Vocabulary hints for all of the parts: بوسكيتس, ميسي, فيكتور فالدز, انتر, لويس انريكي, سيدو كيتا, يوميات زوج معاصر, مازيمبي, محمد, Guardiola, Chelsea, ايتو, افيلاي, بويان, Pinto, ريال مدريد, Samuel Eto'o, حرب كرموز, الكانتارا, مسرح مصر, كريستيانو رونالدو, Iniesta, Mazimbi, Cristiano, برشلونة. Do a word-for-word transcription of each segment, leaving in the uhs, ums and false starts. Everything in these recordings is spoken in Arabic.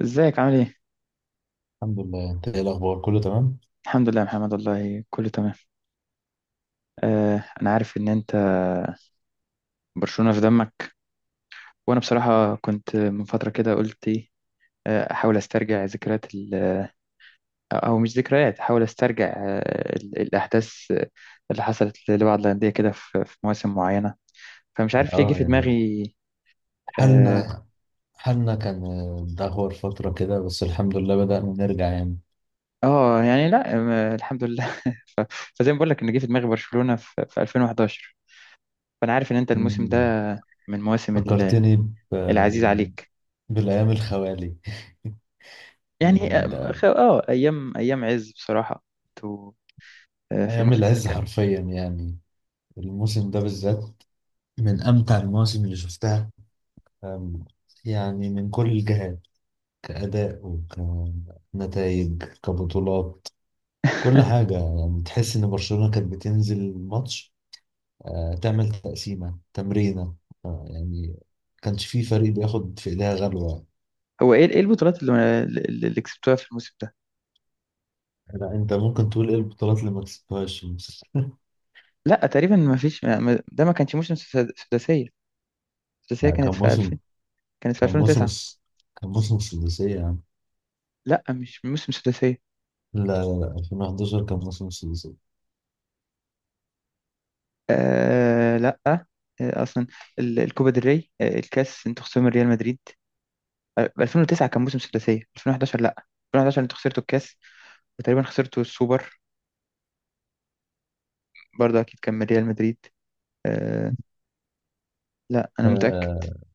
ازيك عامل ايه؟ الحمد لله. انت ايه الاخبار؟ كله تمام. الحمد لله يا محمد، والله كله تمام. آه انا عارف ان انت برشلونة في دمك، وانا بصراحة كنت من فترة كده قلت ايه. آه، احاول استرجع ذكريات ال- آه، او مش ذكريات، احاول استرجع آه، ال- الاحداث آه، اللي حصلت لبعض الاندية كده في في مواسم معينة. فمش عارف ليه جه اه، في يعني دماغي. اه. حالنا حالنا كان آه، دهور فترة كده، بس الحمد لله بدأنا نرجع يعني. آه، يعني لا. آه، الحمد لله. فزي ما بقول لك ان جه في دماغي برشلونة في في ألفين وحداشر. فانا عارف ان انت الموسم ده مم. من مواسم ال- فكرتني ب... العزيز عليك. بالأيام الخوالي. يعني من آه خ- ده، آه، ايام، ايام عز بصراحة. تو- آه، في أيام الموسم ده العز كان، حرفيا يعني. الموسم ده بالذات من أمتع المواسم اللي شفتها، أم، يعني من كل الجهات، كأداء وكنتائج كبطولات، كل حاجة. يعني تحس إن برشلونة كانت بتنزل ماتش آه، تعمل تقسيمة تمرينة يعني. كانش في فريق بياخد في ايديها غلوة. هو ايه، ايه البطولات اللي اللي اللي كسبتوها في الموسم ده؟ لا، انت ممكن تقول ايه البطولات اللي ما كسبتهاش. لا تقريبا ما فيش. ما- ما- ده ما كانش موسم سد- سداسية. السداسية لا، كانت كان في موسم ألفين، كانت في كان موسم ألفين وتسعة. الس- كان موسم السداسية يعني. لا مش موسم سداسية. لا، لا، لا، ألفين وحداشر كان موسم السداسية. آه لا آه اصلا ال- الكوبا del ري، آه الكاس، انتوا خسرتوا من ريال مدريد. آه، ألفين وتسعة كان موسم سداسية، ألفين وحداشر لا. ألفين وحداشر انتوا خسرتوا الكاس، وتقريبا خسرتوا السوبر، برضه اكيد كان من ريال مدريد. آه. لا انا متأكد. آه،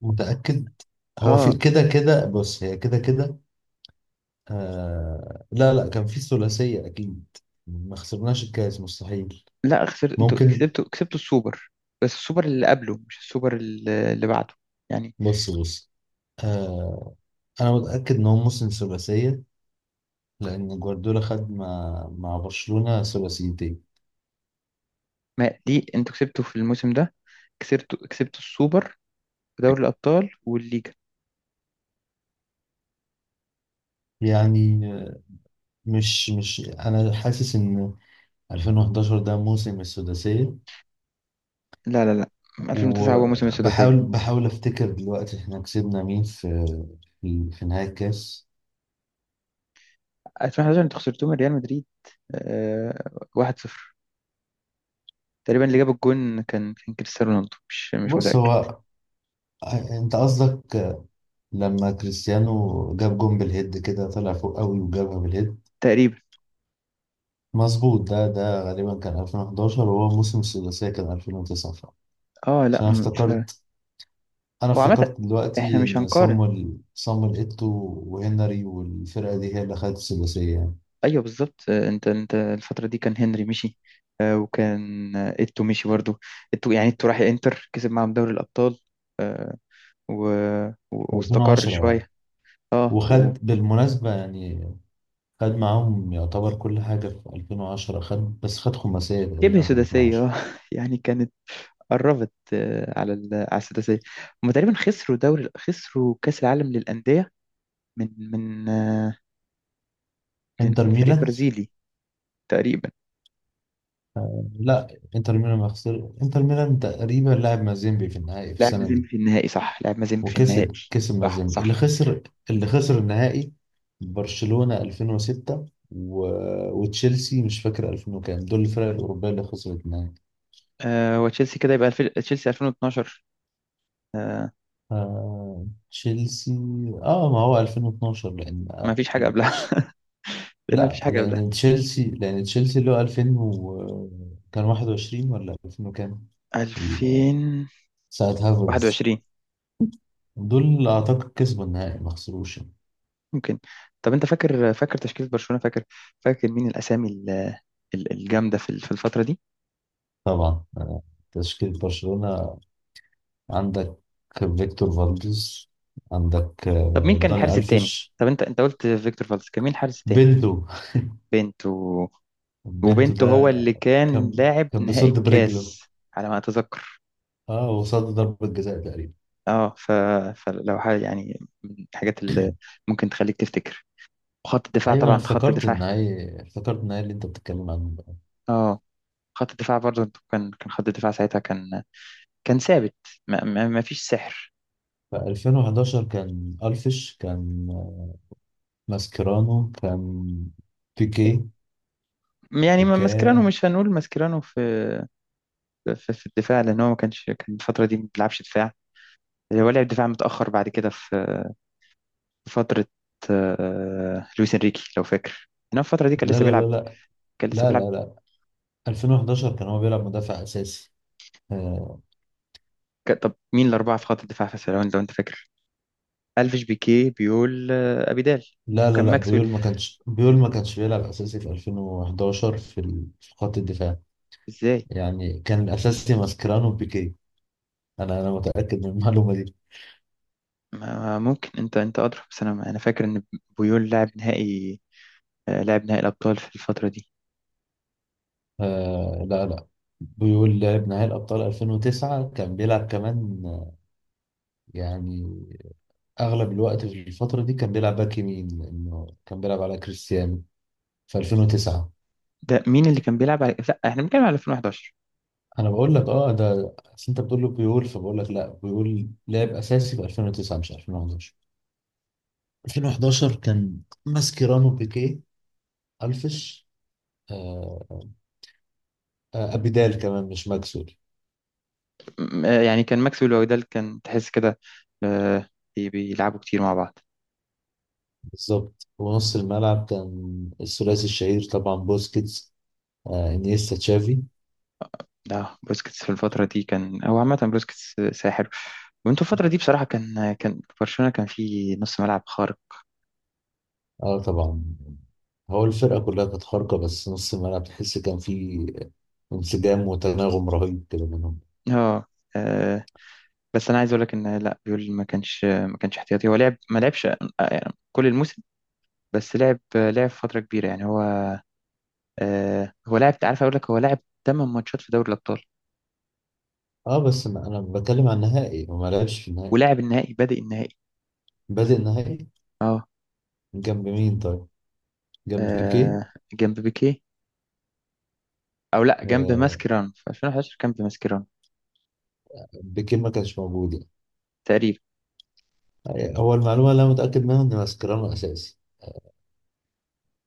متأكد. هو في اه كده كده، بص، هي كده كده. آه، لا، لا، كان في ثلاثية أكيد. ما خسرناش الكاس، مستحيل. لا خسرت، انتوا ممكن. كسبتوا كسبتوا السوبر، بس السوبر اللي قبله مش السوبر اللي اللي بعده، يعني. بص، بص، آه، أنا متأكد إن هو موسم ثلاثية، لأن جوارديولا خد مع مع برشلونة ثلاثيتين. ما دي انتوا كسبتوا في الموسم ده، كسبتوا كسبتوا السوبر ودوري الابطال والليجا. يعني مش مش أنا حاسس إن ألفين وحداشر ده موسم السداسية. لا لا لا، ألفين وتسعة هو موسم وبحاول السداسيه، بحاول أفتكر دلوقتي إحنا كسبنا مين في في في نهاية الكاس. ألفين وحداشر انتوا خسرتوه من ريال مدريد آه واحد صفر. تقريبا اللي جاب الجون كان كان كريستيانو رونالدو، مش مش بص، متاكد. هو أنت قصدك لما كريستيانو جاب جون بالهيد كده، طلع فوق قوي وجابها بالهيد. تقريبا. مظبوط، ده ده غالبا كان ألفين وحداشر، وهو موسم السداسية كان ألفين وتسعة فعلا. اه لا. عشان أنا م- ف... افتكرت انا هو عامه افتكرت احنا دلوقتي مش ان هنقارن. صامويل صامويل ايتو وهنري والفرقه دي هي اللي خدت الثلاثيه يعني ايوه بالظبط. آه، انت انت الفتره دي كان هنري مشي، آه، وكان آه، ايتو مشي برضه. ايتو، يعني ايتو راح انتر، كسب معاهم دوري الابطال، آه، و... و... في واستقر ألفين وعشرة. اه، شويه. اه وجبهه. وخد بالمناسبه يعني، خد معاهم يعتبر كل حاجه في ألفين وعشرة، خد بس خد خماسيه تقريبا في سداسيه. ألفين وعشرة. اه. يعني كانت قربت آه، على ال... على السداسيه. هم تقريبا خسروا دوري، خسروا كاس العالم للانديه من من آه، من انتر من فريق ميلان، برازيلي تقريبا. لا، انتر ميلان ما خسر. انتر ميلان تقريبا لعب مازيمبي في النهائي في لعب السنه دي. مازيمبي في النهائي، صح لعب مازيمبي في النهائي. وكسب كسب صح مازيمبي اللي صح. خسر اللي خسر النهائي. برشلونة ألفين وستة و... وتشيلسي، مش فاكر ألفين وكام، دول الفرق الأوروبية اللي خسرت النهائي. آه، وتشيلسي كده يبقى الف... تشيلسي ألفين واثنا عشر. آه... تشيلسي، اه ما هو ألفين واتناشر، لأن ما آه، فيش حاجة قبلها. لأن ما فيش لا، حاجة قبلها. لأن تشيلسي لأن تشيلسي اللي هو ألفين و... كان واحد وعشرين ولا ألفين وكام، ال- ألفين وواحد وعشرين. ساعة هافرز دول أعتقد كسبوا النهائي، ما خسروش يعني. ممكن. طب أنت فاكر، فاكر تشكيلة برشلونة؟ فاكر، فاكر مين الأسامي ال- ال- الجامدة في ال- في الفترة دي؟ طبعا، آه، تشكيلة برشلونة. عندك فيكتور فالديز، عندك طب مين آه، كان داني الحارس التاني؟ ألفيش، طب أنت أنت قلت فيكتور فالدز، كان مين الحارس التاني؟ بنتو بنت و... بنتو وبنت ده هو اللي كان كان لاعب كان نهائي بيصد برجله. الكاس على ما أتذكر. اه، وصد ضربة جزاء تقريبا. أه ف... فلو حاجة يعني من الحاجات اللي ممكن تخليك تفتكر. وخط الدفاع، ايوه، انا طبعا خط افتكرت الدفاع. النهائي افتكرت النهائي اللي انت بتتكلم عنه ده. أه خط الدفاع برضه كان كان خط الدفاع ساعتها كان، كان ثابت. ما, ما, ما فيش سحر. في ألفين وحداشر كان الفيش، كان ماسكيرانو، كان بيكي، يعني ما- ماسكيرانو، وكان. مش هنقول ماسكيرانو في، في, في الدفاع، لان هو ما كانش، كان الفتره دي ما بيلعبش دفاع. هو لعب دفاع متاخر بعد كده في، في فتره. آه، لويس انريكي لو فاكر، انما في الفتره دي كان لا، لسه لا، لا، بيلعب، لا، كان لسه لا، بيلعب. لا، لا، ألفين وحداشر كان هو بيلعب مدافع اساسي. آه، ك- طب مين الاربعه في خط الدفاع، في لو انت، لو انت فاكر؟ الفيش، بيكي، بيقول آه، ابيدال، لا، وكان لا، لا، ماكسويل. بيول ما كانش بيول ما كانش بيلعب اساسي في ألفين وحداشر في ال- في خط الدفاع. ازاي؟ يعني كان الاساسي ماسكرانو وبيكي. انا انا متاكد من المعلومه دي. ما ممكن انت، انت ادرى، بس انا، انا فاكر ان بيول لعب نهائي، آه، لعب نهائي الابطال في الفتره دي. آه، لا، لا، بيول لعب نهائي الابطال ألفين وتسعة. كان بيلعب كمان آه، يعني اغلب الوقت في الفتره دي كان بيلعب باك يمين، لانه كان بيلعب على كريستيانو في ألفين وتسعة. ده مين اللي كان بيلعب على، لا احنا بنتكلم على ألفين وحداشر. انا بقول لك اه، ده أصل انت بتقول له بيول، فبقول لك لا، بيول لعب اساسي في ألفين وتسعة مش ألفين وحداشر. ألفين وحداشر كان ماسكيرانو، بيكيه، ألفش، آه آه، أبيدال كمان، مش ماكسول. م- آه، يعني كان ماكسويل وأودال، كان تحس كده آه، بي- بيلعبوا كتير مع بعض. بالظبط، ونص الملعب كان الثلاثي الشهير طبعا، بوسكيتس، آه إنيستا، تشافي. ده بوسكيتس في الفترة دي كان هو، عامة بوسكيتس ساحر، وانتوا الفترة دي بصراحة كان، كان برشلونة كان فيه نص ملعب خارق. اه، طبعا. هو الفرقة كلها كانت خارقة، بس نص الملعب تحس كان فيه انسجام وتناغم رهيب كده منهم. اه. آه، بس انا عايز اقول لك ان لا بيول، ما كانش ما كانش احتياطي، هو لعب، ما لعبش آه، يعني كل الموسم، بس لعب، لعب فترة كبيرة، يعني هو آه، هو لاعب، عارف اقول لك، هو لاعب تمنية ماتشات في دوري الابطال، اه، بس ما أنا بتكلم عن النهائي، هو ما لعبش في النهائي. ولاعب النهائي، بادئ النهائي. بادئ النهائي. اه. جنب مين طيب؟ جنب بيكيه. آه جنب بيكي. او لا، جنب آه، ماسكيران. في ألفين وأحد عشر جنب ماسكيران. بيكيه ما كانش موجود يعني. تقريبا. هو المعلومة اللي أنا متأكد منها إن mascherano أساسي.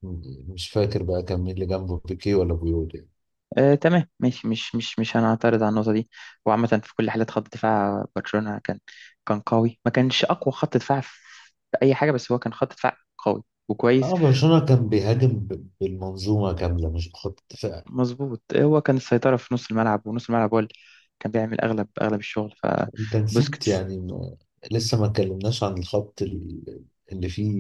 م- مش فاكر بقى كان مين اللي جنبه، بيكي ولا بيول يعني. آه تمام ماشي، مش مش مش هنعترض على النقطه دي. وعامه في كل حالات، خط دفاع برشلونه كان، كان قوي. ما كانش اقوى خط دفاع في اي حاجه، بس هو كان خط دفاع قوي وكويس. اه، برشلونة كان بيهاجم ب- بالمنظومة كاملة، مش بخط دفاع. مظبوط. هو كان السيطره في نص الملعب، ونص الملعب هو اللي كان بيعمل اغلب، اغلب الشغل، انت نسيت فبوسكيتس. يعني، ما- لسه ما اتكلمناش عن الخط ال- اللي فيه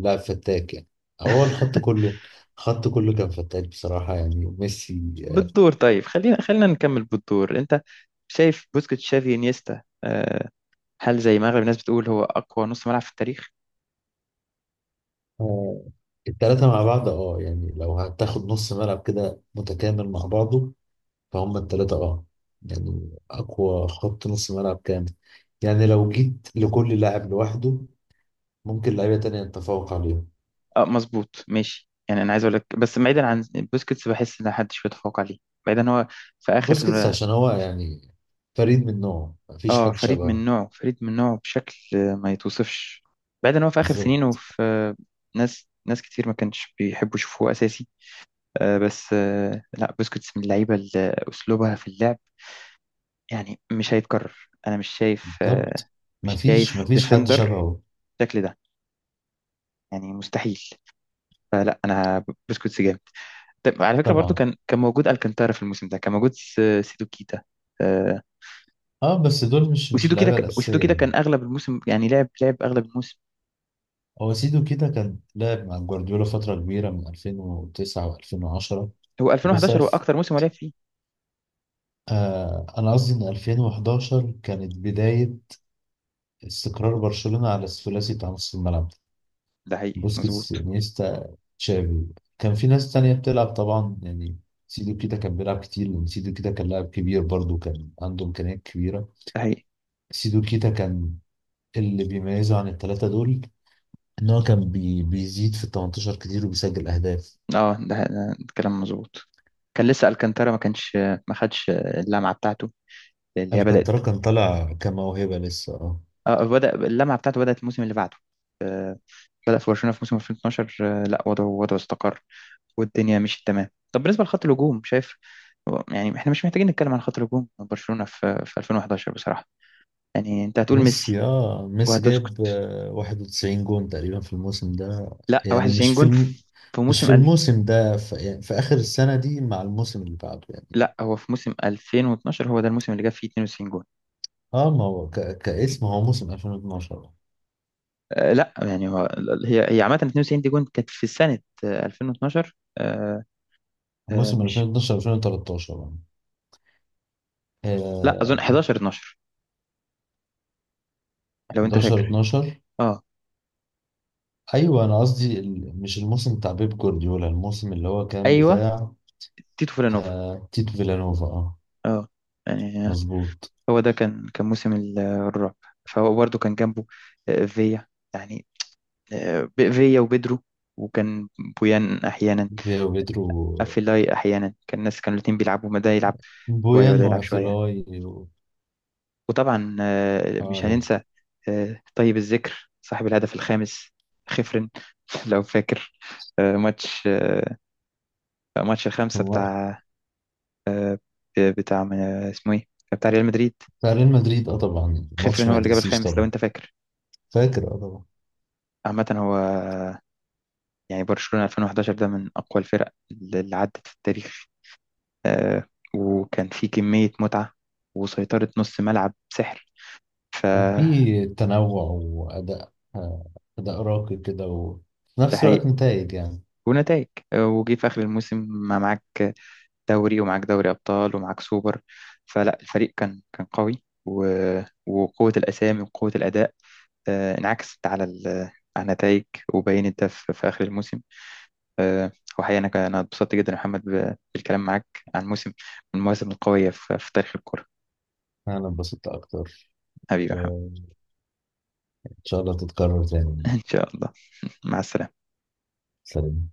لاعب فتاك يعني. هو الخط كله الخط كله كان فتاك بصراحة، يعني ميسي. آه، بالدور. طيب خلينا خلينا نكمل بالدور. انت شايف بوسكيتس، شافي، انيستا، آه، هل زي ما اغلب الناس بتقول هو اقوى نص ملعب في التاريخ؟ آه، التلاتة مع بعض، اه يعني لو هتاخد نص ملعب كده متكامل مع بعضه، فهم التلاتة اه. يعني أقوى خط نص ملعب كامل. يعني لو جيت لكل لاعب لوحده ممكن لعيبة تانية نتفوق عليهم. اه مظبوط ماشي. يعني انا عايز اقول لك، بس بعيدا عن بوسكيتس، بحس ان محدش بيتفوق عليه. بعيدا إن هو في اخر. بوسكيتس عشان هو يعني فريد من نوعه، مفيش اه حد فريد من شبهه. نوعه، فريد من نوعه بشكل ما يتوصفش. بعيدا إن هو في اخر سنينه، بالظبط. في ناس ناس كتير ما كانش بيحبوا يشوفوه اساسي. آه بس آه لا بوسكيتس من اللعيبه اللي اسلوبها في اللعب يعني مش هيتكرر. انا مش شايف، آه، بالظبط، مش مفيش شايف مفيش حد ديفندر شبهه. بالشكل ده، يعني مستحيل. فلا انا بوسكيتس جامد. طب على فكرة برضو، طبعا، كان كان موجود الكانتارا في الموسم ده، كان موجود س- سيدو كيتا. آه، اه بس دول مش مش وسيدو كيتا، اللعيبة ك- وسيدو الأساسية كيتا كان يعني. اغلب الموسم، يعني لعب، لعب اغلب الموسم. هو سيدو كده كان لعب مع جوارديولا فترة كبيرة من ألفين وتسعة و2010. هو بس ألفين وحداشر هو ألف، اكتر موسم هو لعب فيه. آه أنا قصدي إن ألفين وحداشر كانت بداية استقرار برشلونة على الثلاثي بتاع نص الملعب. ده حقيقي بوسكيتس، مظبوط. انيستا، تشافي. كان في ناس تانية بتلعب طبعا يعني. سيدو كيتا كان بيلعب كتير، لأن سيدو كيتا كان لاعب كبير، برضه كان عنده إمكانيات كبيرة. ده حقيقي. سيدو كيتا كان اللي بيميزه عن التلاتة دول إن هو كان بي بيزيد في ال تمنتاشر كتير، وبيسجل أهداف. اه ده, ده كلام مظبوط. كان لسه الكانتارا ما كانش، ما خدش اللمعة بتاعته اللي هي بدأت. الكانترا كان طالع كموهبة لسه اه. اه، بدأ اللمعة بتاعته، بدأت الموسم اللي بعده. آه، بدأ في برشلونة في موسم ألفين واتناشر. آه، لا وضعه، وضعه استقر، والدنيا مشيت تمام. طب بالنسبة لخط الهجوم، شايف هو، يعني احنا مش محتاجين نتكلم عن خط الهجوم برشلونة في في ألفين وحداشر بصراحة. يعني انت هتقول ميسي ميسي اه ميسي وهتسكت. جايب آه، واحد وتسعين جون تقريبا في الموسم ده. لا، يعني واحد وتسعين مش في جون الم... في، في مش موسم في ألف. الموسم ده، في... يعني في آخر السنة دي مع الموسم اللي بعده يعني. لا هو في موسم ألفين واتناشر هو ده الموسم اللي جاب فيه اتنين وتسعين جون. اه ما هو ك... كاسم هو موسم ألفين واتناشر. أه لا يعني هو، هي، هي عامة اتنين وتسعين دي جون كانت في سنة آه، ألفين واتناشر. أه. أه موسم مش، ألفين واتناشر ألفين وتلتاشر. لا اظن آه حداشر اتناشر، لو انت حداشر فاكر. اتناشر. اه ايوه، انا قصدي ال... مش الموسم بتاع بيب جوارديولا، الموسم اللي هو كان ايوه، بتاع تيتو فيلانوفا. آه تيتو فيلانوفا، اه، اه يعني مظبوط. هو ده كان، كان موسم ال- الرعب. فهو برضه كان جنبه آه، فيا، يعني آه، ب- فيا وبدرو، وكان بويان احيانا، فيا وبيدرو، افيلاي احيانا. كان الناس كانوا الاتنين بيلعبوا، ما ده يلعب شويه وده بويان يلعب شويه. وافيلاي و... وطبعا آه، مش اه هننسى آه، طيب الذكر صاحب الهدف الخامس، خفرن. لو فاكر آه، ماتش آه، ماتش الخامسه لكن بتاع آه، بتاع من- اسمه ايه، بتاع ريال مدريد. بتاع ريال مدريد. اه، طبعا خفرن الماتش ما هو اللي جاب يتنسيش الخامس لو طبعا. انت فاكر. فاكر، اه طبعا. عامه هو يعني برشلونه ألفين وحداشر ده من اقوى الفرق اللي عدت في التاريخ. آه، وكان في كمية متعة وسيطرة نص ملعب سحر. كان فده في تنوع واداء آه، اداء راقي كده، وفي نفس حقيقي. الوقت نتائج يعني. ونتائج. آه، وجي في آخر الموسم ما معاك دوري ومعاك دوري أبطال ومعاك سوبر. فلا الفريق كان، كان قوي، و- وقوة الأسامي وقوة الأداء آه، انعكست على ال- على النتائج. وبينت ده في، في آخر الموسم. آه، وحقيقة أنا، ك- أنا اتبسطت جدا يا محمد، ب- بالكلام معاك عن موسم، من المواسم القوية في في تاريخ الكرة. انا انبسطت اكتر، حبيبي يا محمد. وان شاء الله تتكرر تاني. إن شاء الله. مع السلامة. سلام.